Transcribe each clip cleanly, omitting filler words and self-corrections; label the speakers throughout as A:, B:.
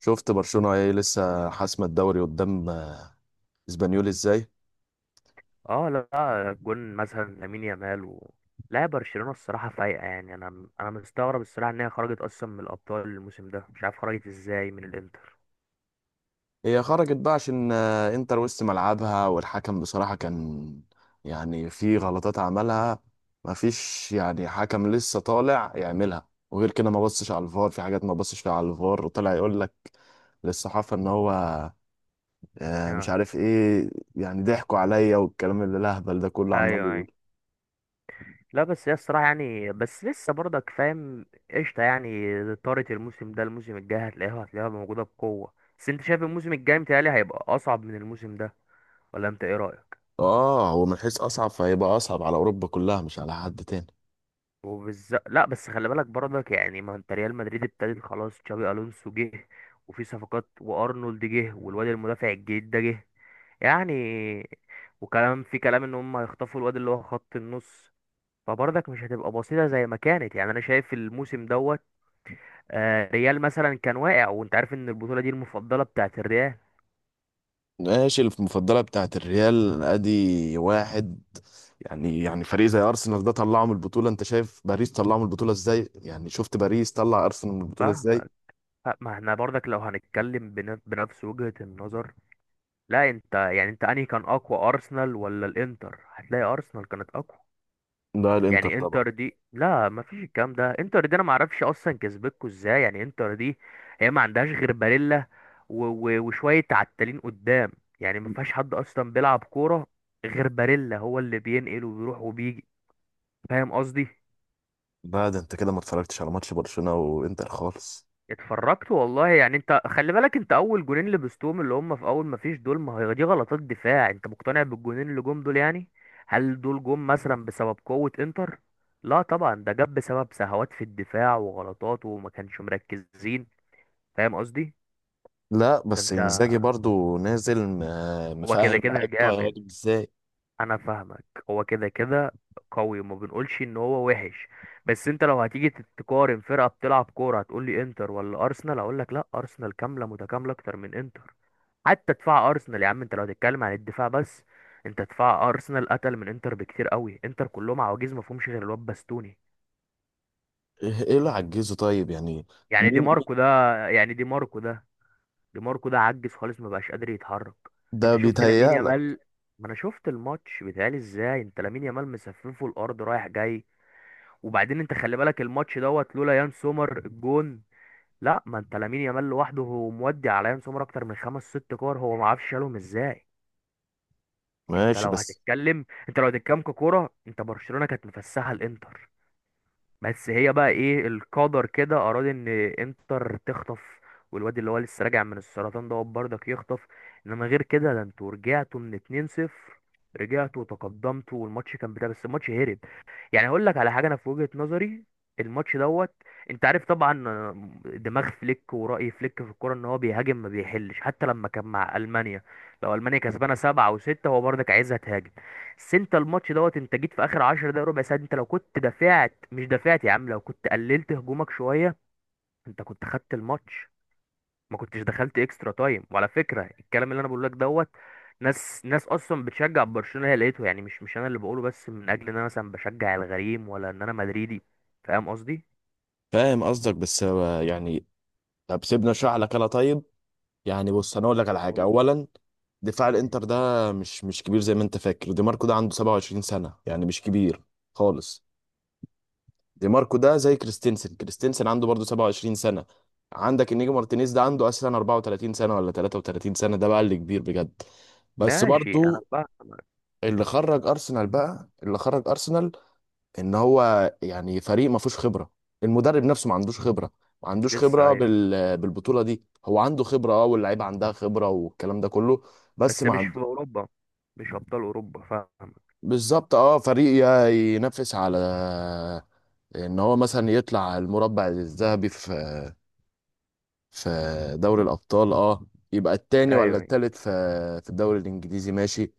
A: شفت برشلونة ايه لسه حاسمة الدوري قدام اسبانيول ازاي؟
B: اه لا جون مثلا لامين يامال لا برشلونة الصراحة فايقة، يعني انا مستغرب الصراحة ان هي خرجت اصلا من الابطال الموسم ده، مش عارف خرجت ازاي من الانتر.
A: هي خرجت بقى عشان انتر وسط ملعبها، والحكم بصراحة كان يعني في غلطات عملها. مفيش يعني حكم لسه طالع يعملها، وغير كده ما بصش على الفار، في حاجات ما بصش فيها على الفار، وطلع يقول لك للصحافة ان هو مش
B: اه،
A: عارف ايه. يعني ضحكوا عليا، والكلام اللي الهبل ده كله عمال
B: ايوه.
A: يقول.
B: لا بس هي الصراحة يعني، بس لسه برضك فاهم؟ قشطة يعني. طارت الموسم ده. الموسم الجاي هتلاقيها موجودة بقوة. بس انت شايف الموسم الجاي متهيألي هيبقى اصعب من الموسم ده، ولا انت ايه رأيك؟
A: اه، هو من حيث اصعب فهيبقى اصعب على اوروبا كلها، مش على حد تاني.
B: وبالظبط. لا بس خلي بالك برضك، يعني ما انت ريال مدريد ابتدت خلاص، تشابي الونسو جه، وفي صفقات، وارنولد جه، والواد المدافع الجديد ده جه، يعني. وكلام في كلام ان هم هيخطفوا الواد اللي هو خط النص، فبرضك مش هتبقى بسيطه زي ما كانت. يعني انا شايف الموسم دوت، ريال مثلا كان واقع، وانت عارف ان البطوله دي المفضله بتاعت الريال.
A: ماشي، المفضلة بتاعت الريال، ادي واحد يعني. يعني فريق زي ارسنال ده طلعه من البطولة. انت شايف باريس طلعه من البطولة ازاي؟ يعني شفت باريس طلع ارسنال من البطولة ازاي؟
B: فاهمك. لا، ما احنا برضك لو هنتكلم بنفس وجهة النظر. لا انت يعني، انت انهي كان اقوى، ارسنال ولا الانتر؟ هتلاقي ارسنال كانت اقوى.
A: ده الانتر
B: يعني
A: طبعا.
B: انتر دي، لا ما فيش الكلام ده، انتر دي انا ما اعرفش اصلا كسبتكوا ازاي. يعني انتر دي هي ما عندهاش غير باريلا وشويه عتالين قدام، يعني ما فيهاش حد اصلا بيلعب كوره غير باريلا، هو اللي بينقل وبيروح وبيجي. فاهم قصدي؟
A: لا، ده انت كده ما اتفرجتش على ماتش برشلونة وانتر خالص.
B: اتفرجت والله. يعني انت خلي بالك، انت اول جونين لبستهم اللي هم في اول ما فيش دول، ما هي دي غلطات دفاع. انت مقتنع بالجونين اللي جم دول يعني؟ هل دول جم مثلا بسبب قوة انتر؟ لا طبعا، ده جاب بسبب سهوات في الدفاع وغلطات، وما كانش مركزين. فاهم قصدي؟
A: لا
B: ده
A: بس
B: انت،
A: انزاجي برضو نازل
B: هو كده
A: مفهم
B: كده
A: لعيبته
B: جامد،
A: هيهاجم ازاي.
B: انا فاهمك، هو كده كده قوي، وما بنقولش ان هو وحش. بس انت لو هتيجي تقارن فرقة بتلعب كورة، هتقول لي انتر ولا ارسنال؟ اقول لك لا، ارسنال كاملة متكاملة اكتر من انتر. حتى دفاع ارسنال يا عم، انت لو هتتكلم عن الدفاع بس، انت دفاع ارسنال قتل من انتر بكتير قوي. انتر كلهم عواجيز، ما فيهمش غير الواد باستوني.
A: ايه، إيه اللي عجزه طيب يعني؟
B: يعني دي
A: مين؟
B: ماركو ده. يعني دي ماركو ده، دي ماركو ده عجز خالص، ما بقاش قادر يتحرك.
A: ده
B: انت شفت لامين
A: بيتهيألك.
B: يامال؟ ما انا شفت الماتش، بيتهيألي ازاي؟ انت لامين يامال مسففه الارض رايح جاي. وبعدين انت خلي بالك الماتش دوت، لولا يان سومر الجون. لا ما انت لامين يامال لوحده هو مودي على يان سومر اكتر من خمس ست كور، هو ما عرفش شالهم ازاي. انت
A: ماشي
B: لو
A: بس.
B: هتتكلم، انت لو هتتكلم ككوره، انت برشلونه كانت مفسحه الانتر. بس هي بقى ايه، القدر كده اراد ان انتر تخطف، والواد اللي هو لسه راجع من السرطان ده برضك يخطف. انما غير كده، ده انتوا رجعتوا من 2-0، رجعتوا وتقدمتوا، والماتش كان بتاع، بس الماتش هرب. يعني هقول لك على حاجه، انا في وجهه نظري الماتش دوت، انت عارف طبعا دماغ فليك ورأي فليك في الكوره، ان هو بيهاجم، ما بيحلش حتى لما كان مع المانيا. لو المانيا كسبانه 7-6 هو برضك عايزها تهاجم. بس انت الماتش دوت، انت جيت في اخر 10 دقايق ربع ساعه، انت لو كنت دافعت، مش دافعت يا عم، لو كنت قللت هجومك شويه، انت كنت خدت الماتش، ما كنتش دخلت اكسترا تايم. وعلى فكره الكلام اللي انا بقول لك دوت، ناس اصلا بتشجع برشلونه هي لقيته، يعني مش مش انا اللي بقوله، بس من اجل ان انا مثلا بشجع الغريم، ولا ان انا مدريدي. فاهم قصدي؟
A: فاهم قصدك، بس هو يعني، طب سيبنا اشرح لك انا طيب. يعني بص، انا اقول لك على حاجه
B: قول.
A: اولا. دفاع الانتر ده مش كبير زي ما انت فاكر. دي ماركو ده عنده 27 سنه، يعني مش كبير خالص. دي ماركو ده زي كريستنسن، كريستنسن عنده برضه 27 سنه. عندك انيجو مارتينيز ده عنده اصلا 34 سنه ولا 33 سنه، ده بقى اللي كبير بجد. بس
B: ماشي انا
A: برضه
B: فاهم.
A: اللي خرج ارسنال بقى، اللي خرج ارسنال ان هو يعني فريق ما فيهوش خبره. المدرب نفسه ما عندوش خبره، ما عندوش
B: لسه،
A: خبره
B: ايوه.
A: بالبطوله دي. هو عنده خبره اه، واللعيبه عندها خبره والكلام ده كله، بس
B: بس
A: ما
B: مش في
A: عنده.
B: اوروبا، مش ابطال اوروبا، فاهم.
A: بالظبط، اه، فريق ينافس على ان هو مثلا يطلع المربع الذهبي في في دوري الابطال، اه. يبقى التاني ولا
B: ايوه أيوة.
A: التالت في في الدوري الانجليزي، ماشي.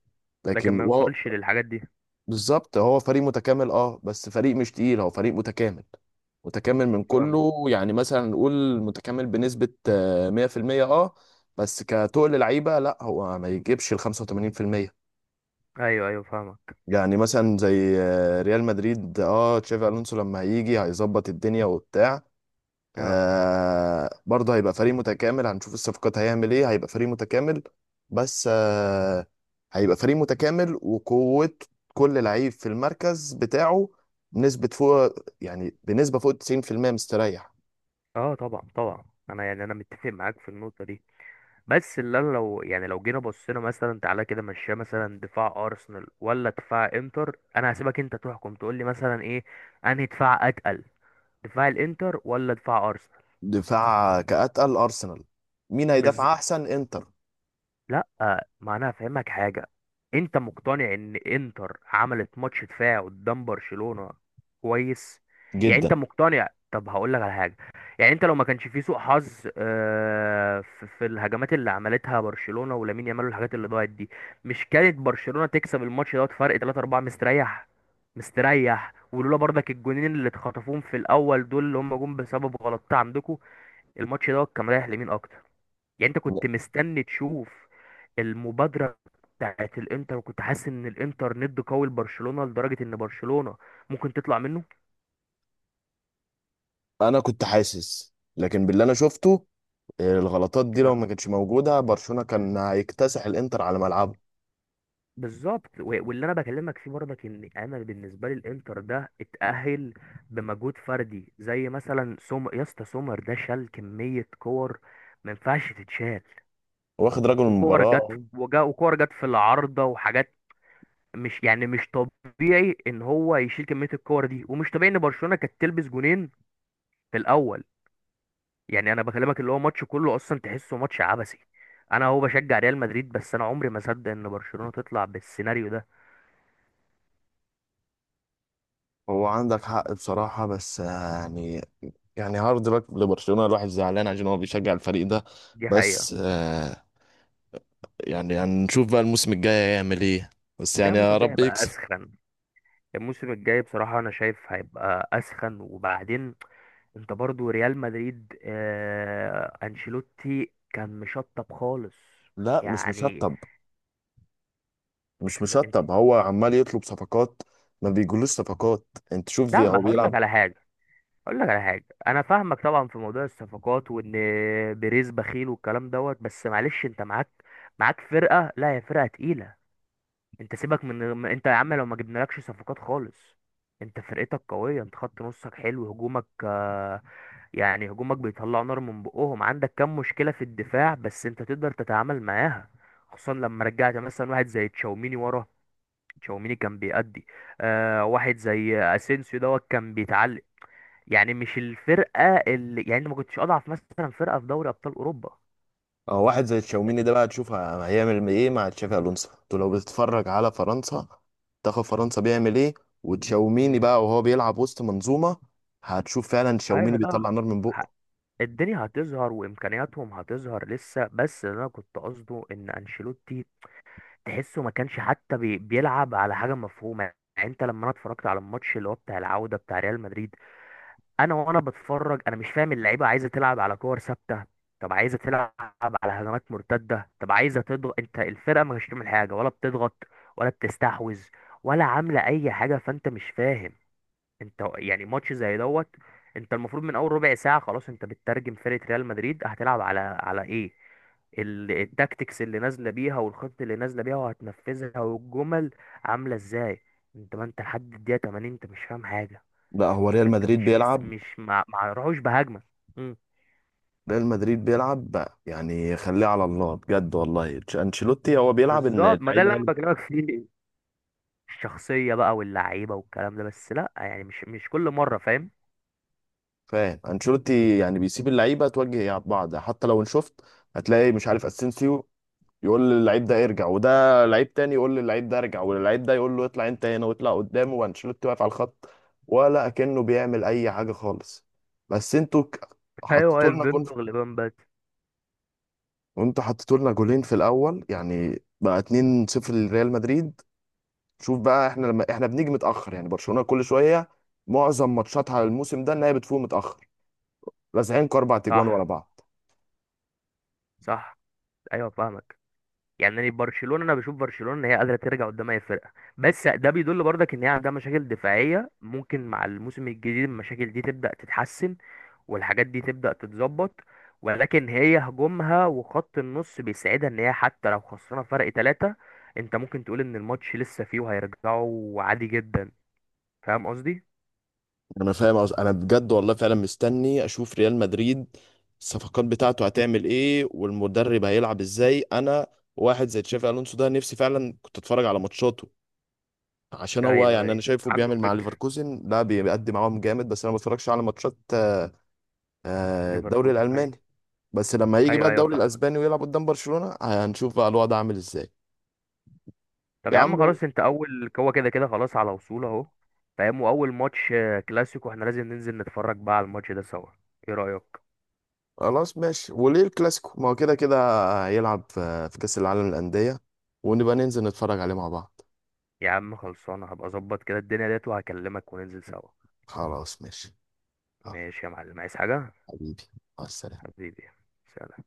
B: لكن
A: لكن
B: ما يوصلش للحاجات دي.
A: بالظبط، هو فريق متكامل اه، بس فريق مش تقيل، هو فريق متكامل. متكامل من
B: فاهم.
A: كله، يعني مثلا نقول متكامل بنسبة 100%. اه، بس كتقل لعيبة لا، هو ما يجيبش ال 85%.
B: ايوه فاهمك.
A: يعني مثلا زي ريال مدريد، اه، تشافي الونسو لما هيجي هيظبط الدنيا وبتاع.
B: اه.
A: آه، برضه هيبقى فريق متكامل، هنشوف الصفقات هيعمل ايه، هيبقى فريق متكامل. بس آه، هيبقى فريق متكامل وقوة، كل لعيب في المركز بتاعه بنسبة فوق، يعني بنسبة فوق 90% مستريح.
B: اه طبعا طبعا، انا يعني انا متفق معاك في النقطه دي. بس اللي أنا لو يعني، لو جينا بصينا مثلا، تعالى كده مشيها، مثلا دفاع ارسنال ولا دفاع انتر، انا هسيبك انت تحكم، تقول لي مثلا ايه انهي دفاع اتقل، دفاع الانتر ولا دفاع
A: دفاع كأتقل أرسنال، مين هيدافع
B: ارسنال.
A: أحسن؟ إنتر؟
B: لا ما انا هفهمك حاجه، انت مقتنع ان انتر عملت ماتش دفاع قدام برشلونه؟ كويس. يعني انت
A: جدا.
B: مقتنع، طب هقول لك على حاجه. يعني انت لو ما كانش في سوء حظ في في الهجمات اللي عملتها برشلونه، ولامين يامال، والحاجات اللي ضاعت دي، مش كانت برشلونه تكسب الماتش دوت فرق 3 4 مستريح، مستريح؟ ولولا برضك الجونين اللي اتخطفوهم في الاول دول، اللي هم جم بسبب غلطات عندكم، الماتش دوت كان رايح لمين اكتر؟ يعني انت كنت مستني تشوف المبادرة بتاعت الانتر، وكنت حاسس ان الانتر ند قوي لبرشلونة، لدرجة ان برشلونة ممكن تطلع منه؟
A: أنا كنت حاسس، لكن باللي أنا شفته الغلطات دي لو
B: آه،
A: ما كانتش موجودة، برشلونة كان هيكتسح الإنتر على ملعبه.
B: بالظبط. واللي انا بكلمك فيه برضك، ان انا بالنسبة لي الانتر ده اتأهل بمجهود فردي، زي مثلا يا اسطى سومر ده شال كمية كور ما ينفعش تتشال،
A: واخد رجل
B: وكور جت،
A: المباراة.
B: وجا، وكور جت في العارضة وحاجات. مش يعني، مش طبيعي ان هو يشيل كمية الكور دي، ومش طبيعي ان برشلونة كانت تلبس جونين في الاول. يعني انا بكلمك اللي هو ماتش كله اصلا تحسه ماتش عبثي. انا هو بشجع ريال مدريد بس انا عمري ما اصدق ان برشلونة تطلع بالسيناريو ده.
A: هو عندك حق بصراحة، بس آه، يعني، يعني هارد لك لبرشلونة. الواحد زعلان عشان هو بيشجع الفريق ده.
B: دي حقيقة.
A: بس آه، يعني هنشوف بقى الموسم الجاي هيعمل ايه. بس
B: ده
A: يعني
B: الموسم
A: يا
B: الجاي
A: رب
B: هيبقى
A: يكسب.
B: اسخن. الموسم الجاي بصراحة انا شايف هيبقى اسخن. وبعدين انت برضو ريال مدريد، آه انشيلوتي كان مشطب خالص.
A: لا، مش
B: يعني
A: مشطب. مش
B: مش م... انت.
A: مشطب، هو عمال يطلب صفقات. ما بيجولوش صفقات. انت شوف
B: لا
A: هو
B: ما هقول لك
A: بيلعب.
B: على حاجة، اقول لك على حاجه. انا فاهمك طبعا في موضوع الصفقات، وان بيريز بخيل والكلام دوت. بس معلش انت معاك، معاك فرقه، لا هي فرقه تقيله. انت سيبك من انت يا عم لو ما جبنالكش صفقات خالص، انت فرقتك قويه، انت خط نصك حلو، هجومك يعني هجومك بيطلع نار من بقهم. عندك كام مشكله في الدفاع بس انت تقدر تتعامل معاها، خصوصا لما رجعت مثلا واحد زي تشاوميني ورا. تشاوميني كان بيأدي. آه واحد زي اسينسيو دوت كان بيتعلم. يعني مش الفرقه اللي يعني، أنا ما كنتش اضعف مثلا فرقه في دوري ابطال اوروبا.
A: اه، واحد زي تشاوميني ده بقى تشوف هيعمل ايه مع تشافي الونسو. انتوا لو بتتفرج على فرنسا، تاخد فرنسا بيعمل ايه وتشاوميني
B: مم.
A: بقى وهو بيلعب وسط منظومه، هتشوف فعلا تشاوميني
B: ايوه لا.
A: بيطلع نار من
B: ه-
A: بقه.
B: الدنيا هتظهر، وامكانياتهم هتظهر لسه. بس اللي انا كنت قصده ان انشيلوتي تحسه ما كانش حتى بيلعب على حاجه مفهومه. يعني انت لما انا اتفرجت على الماتش اللي هو بتاع العوده بتاع ريال مدريد، انا وانا بتفرج انا مش فاهم اللعيبه عايزه تلعب على كور ثابته؟ طب عايزه تلعب على هجمات مرتده؟ طب عايزه تضغط؟ انت الفرقه مش بتعمل حاجه، ولا بتضغط، ولا بتستحوذ، ولا عامله اي حاجه. فانت مش فاهم. انت يعني ماتش زي دوت، انت المفروض من اول ربع ساعه خلاص انت بتترجم فرقه ريال مدريد هتلعب على على ايه، التاكتكس اللي نازله بيها، والخطه اللي نازله بيها وهتنفذها، والجمل عامله ازاي. انت ما انت لحد الدقيقه 80 انت مش فاهم حاجه.
A: لا، هو ريال
B: ده انت،
A: مدريد
B: مش مش
A: بيلعب.
B: مش ما راحوش بهجمه. امم
A: ريال مدريد بيلعب بقى يعني خليه على الله بجد والله. انشيلوتي هو بيلعب ان
B: بالظبط. ما ده
A: اللعيبه
B: اللي
A: هي
B: انا
A: اللي،
B: بكلمك فيه. الشخصيه بقى، واللعيبه، والكلام ده. بس لا يعني، مش مش كل مره، فاهم.
A: فاهم؟ انشيلوتي يعني بيسيب اللعيبه توجه بعض. حتى لو ان شفت، هتلاقي مش عارف اسينسيو يقول للعيب ده ارجع، وده لعيب تاني يقول للعيب ده ارجع، واللعيب ده يقول له اطلع انت هنا واطلع قدامه، وانشيلوتي واقف على الخط ولا كأنه بيعمل اي حاجه خالص. بس انتوا
B: ايوه،
A: حطيتوا
B: واقف
A: لنا جول،
B: بيمضغ لبان بات.
A: وانتوا حطيتوا لنا جولين في الاول يعني بقى 2-0 لريال مدريد. شوف بقى احنا لما احنا بنيجي متاخر. يعني برشلونه كل شويه، معظم ماتشاتها الموسم ده ان هي بتفوق متاخر. لازعين اربع تجوان ورا
B: صح،
A: بعض.
B: صح، ايوه فاهمك. يعني أنا برشلونه، انا بشوف برشلونه ان هي قادره ترجع قدام اي فرقه. بس ده بيدل برضك ان هي عندها مشاكل دفاعيه، ممكن مع الموسم الجديد المشاكل دي تبدا تتحسن، والحاجات دي تبدأ تتظبط. ولكن هي هجومها وخط النص بيساعدها، ان هي حتى لو خسرنا فرق 3، انت ممكن تقول ان الماتش لسه فيه وهيرجعوا عادي جدا. فاهم قصدي؟
A: انا فاهم. انا بجد والله فعلا مستني اشوف ريال مدريد الصفقات بتاعته هتعمل ايه، والمدرب هيلعب ازاي. انا واحد زي تشافي الونسو ده نفسي فعلا كنت اتفرج على ماتشاته، عشان هو
B: ايوه
A: يعني انا
B: ايوه
A: شايفه
B: عنده
A: بيعمل مع
B: فكر.
A: ليفركوزن، لا بيقدم معاهم جامد، بس انا ما بتفرجش على ماتشات الدوري
B: ليفركوزن، ايوه.
A: الالماني، بس لما يجي بقى
B: ايوه
A: الدوري
B: فاهم.
A: الاسباني ويلعب قدام برشلونة، هنشوف بقى الوضع عامل ازاي.
B: طب
A: يا
B: يا عم
A: عم
B: خلاص، انت اول، هو كده كده خلاص على وصول اهو. فاهم، واول ماتش كلاسيكو احنا لازم ننزل نتفرج بقى على الماتش ده سوا. ايه رأيك؟
A: خلاص ماشي، وليه الكلاسيكو؟ ما هو كده كده هيلعب في في كاس العالم للانديه، ونبقى ننزل نتفرج عليه مع بعض.
B: يا عم خلصانه، هبقى اظبط كده الدنيا ديت، وهكلمك وننزل سوا.
A: خلاص ماشي. يلا،
B: ماشي يا معلم، عايز حاجة؟
A: حبيبي، مع السلامة.
B: حبيبي، سلام.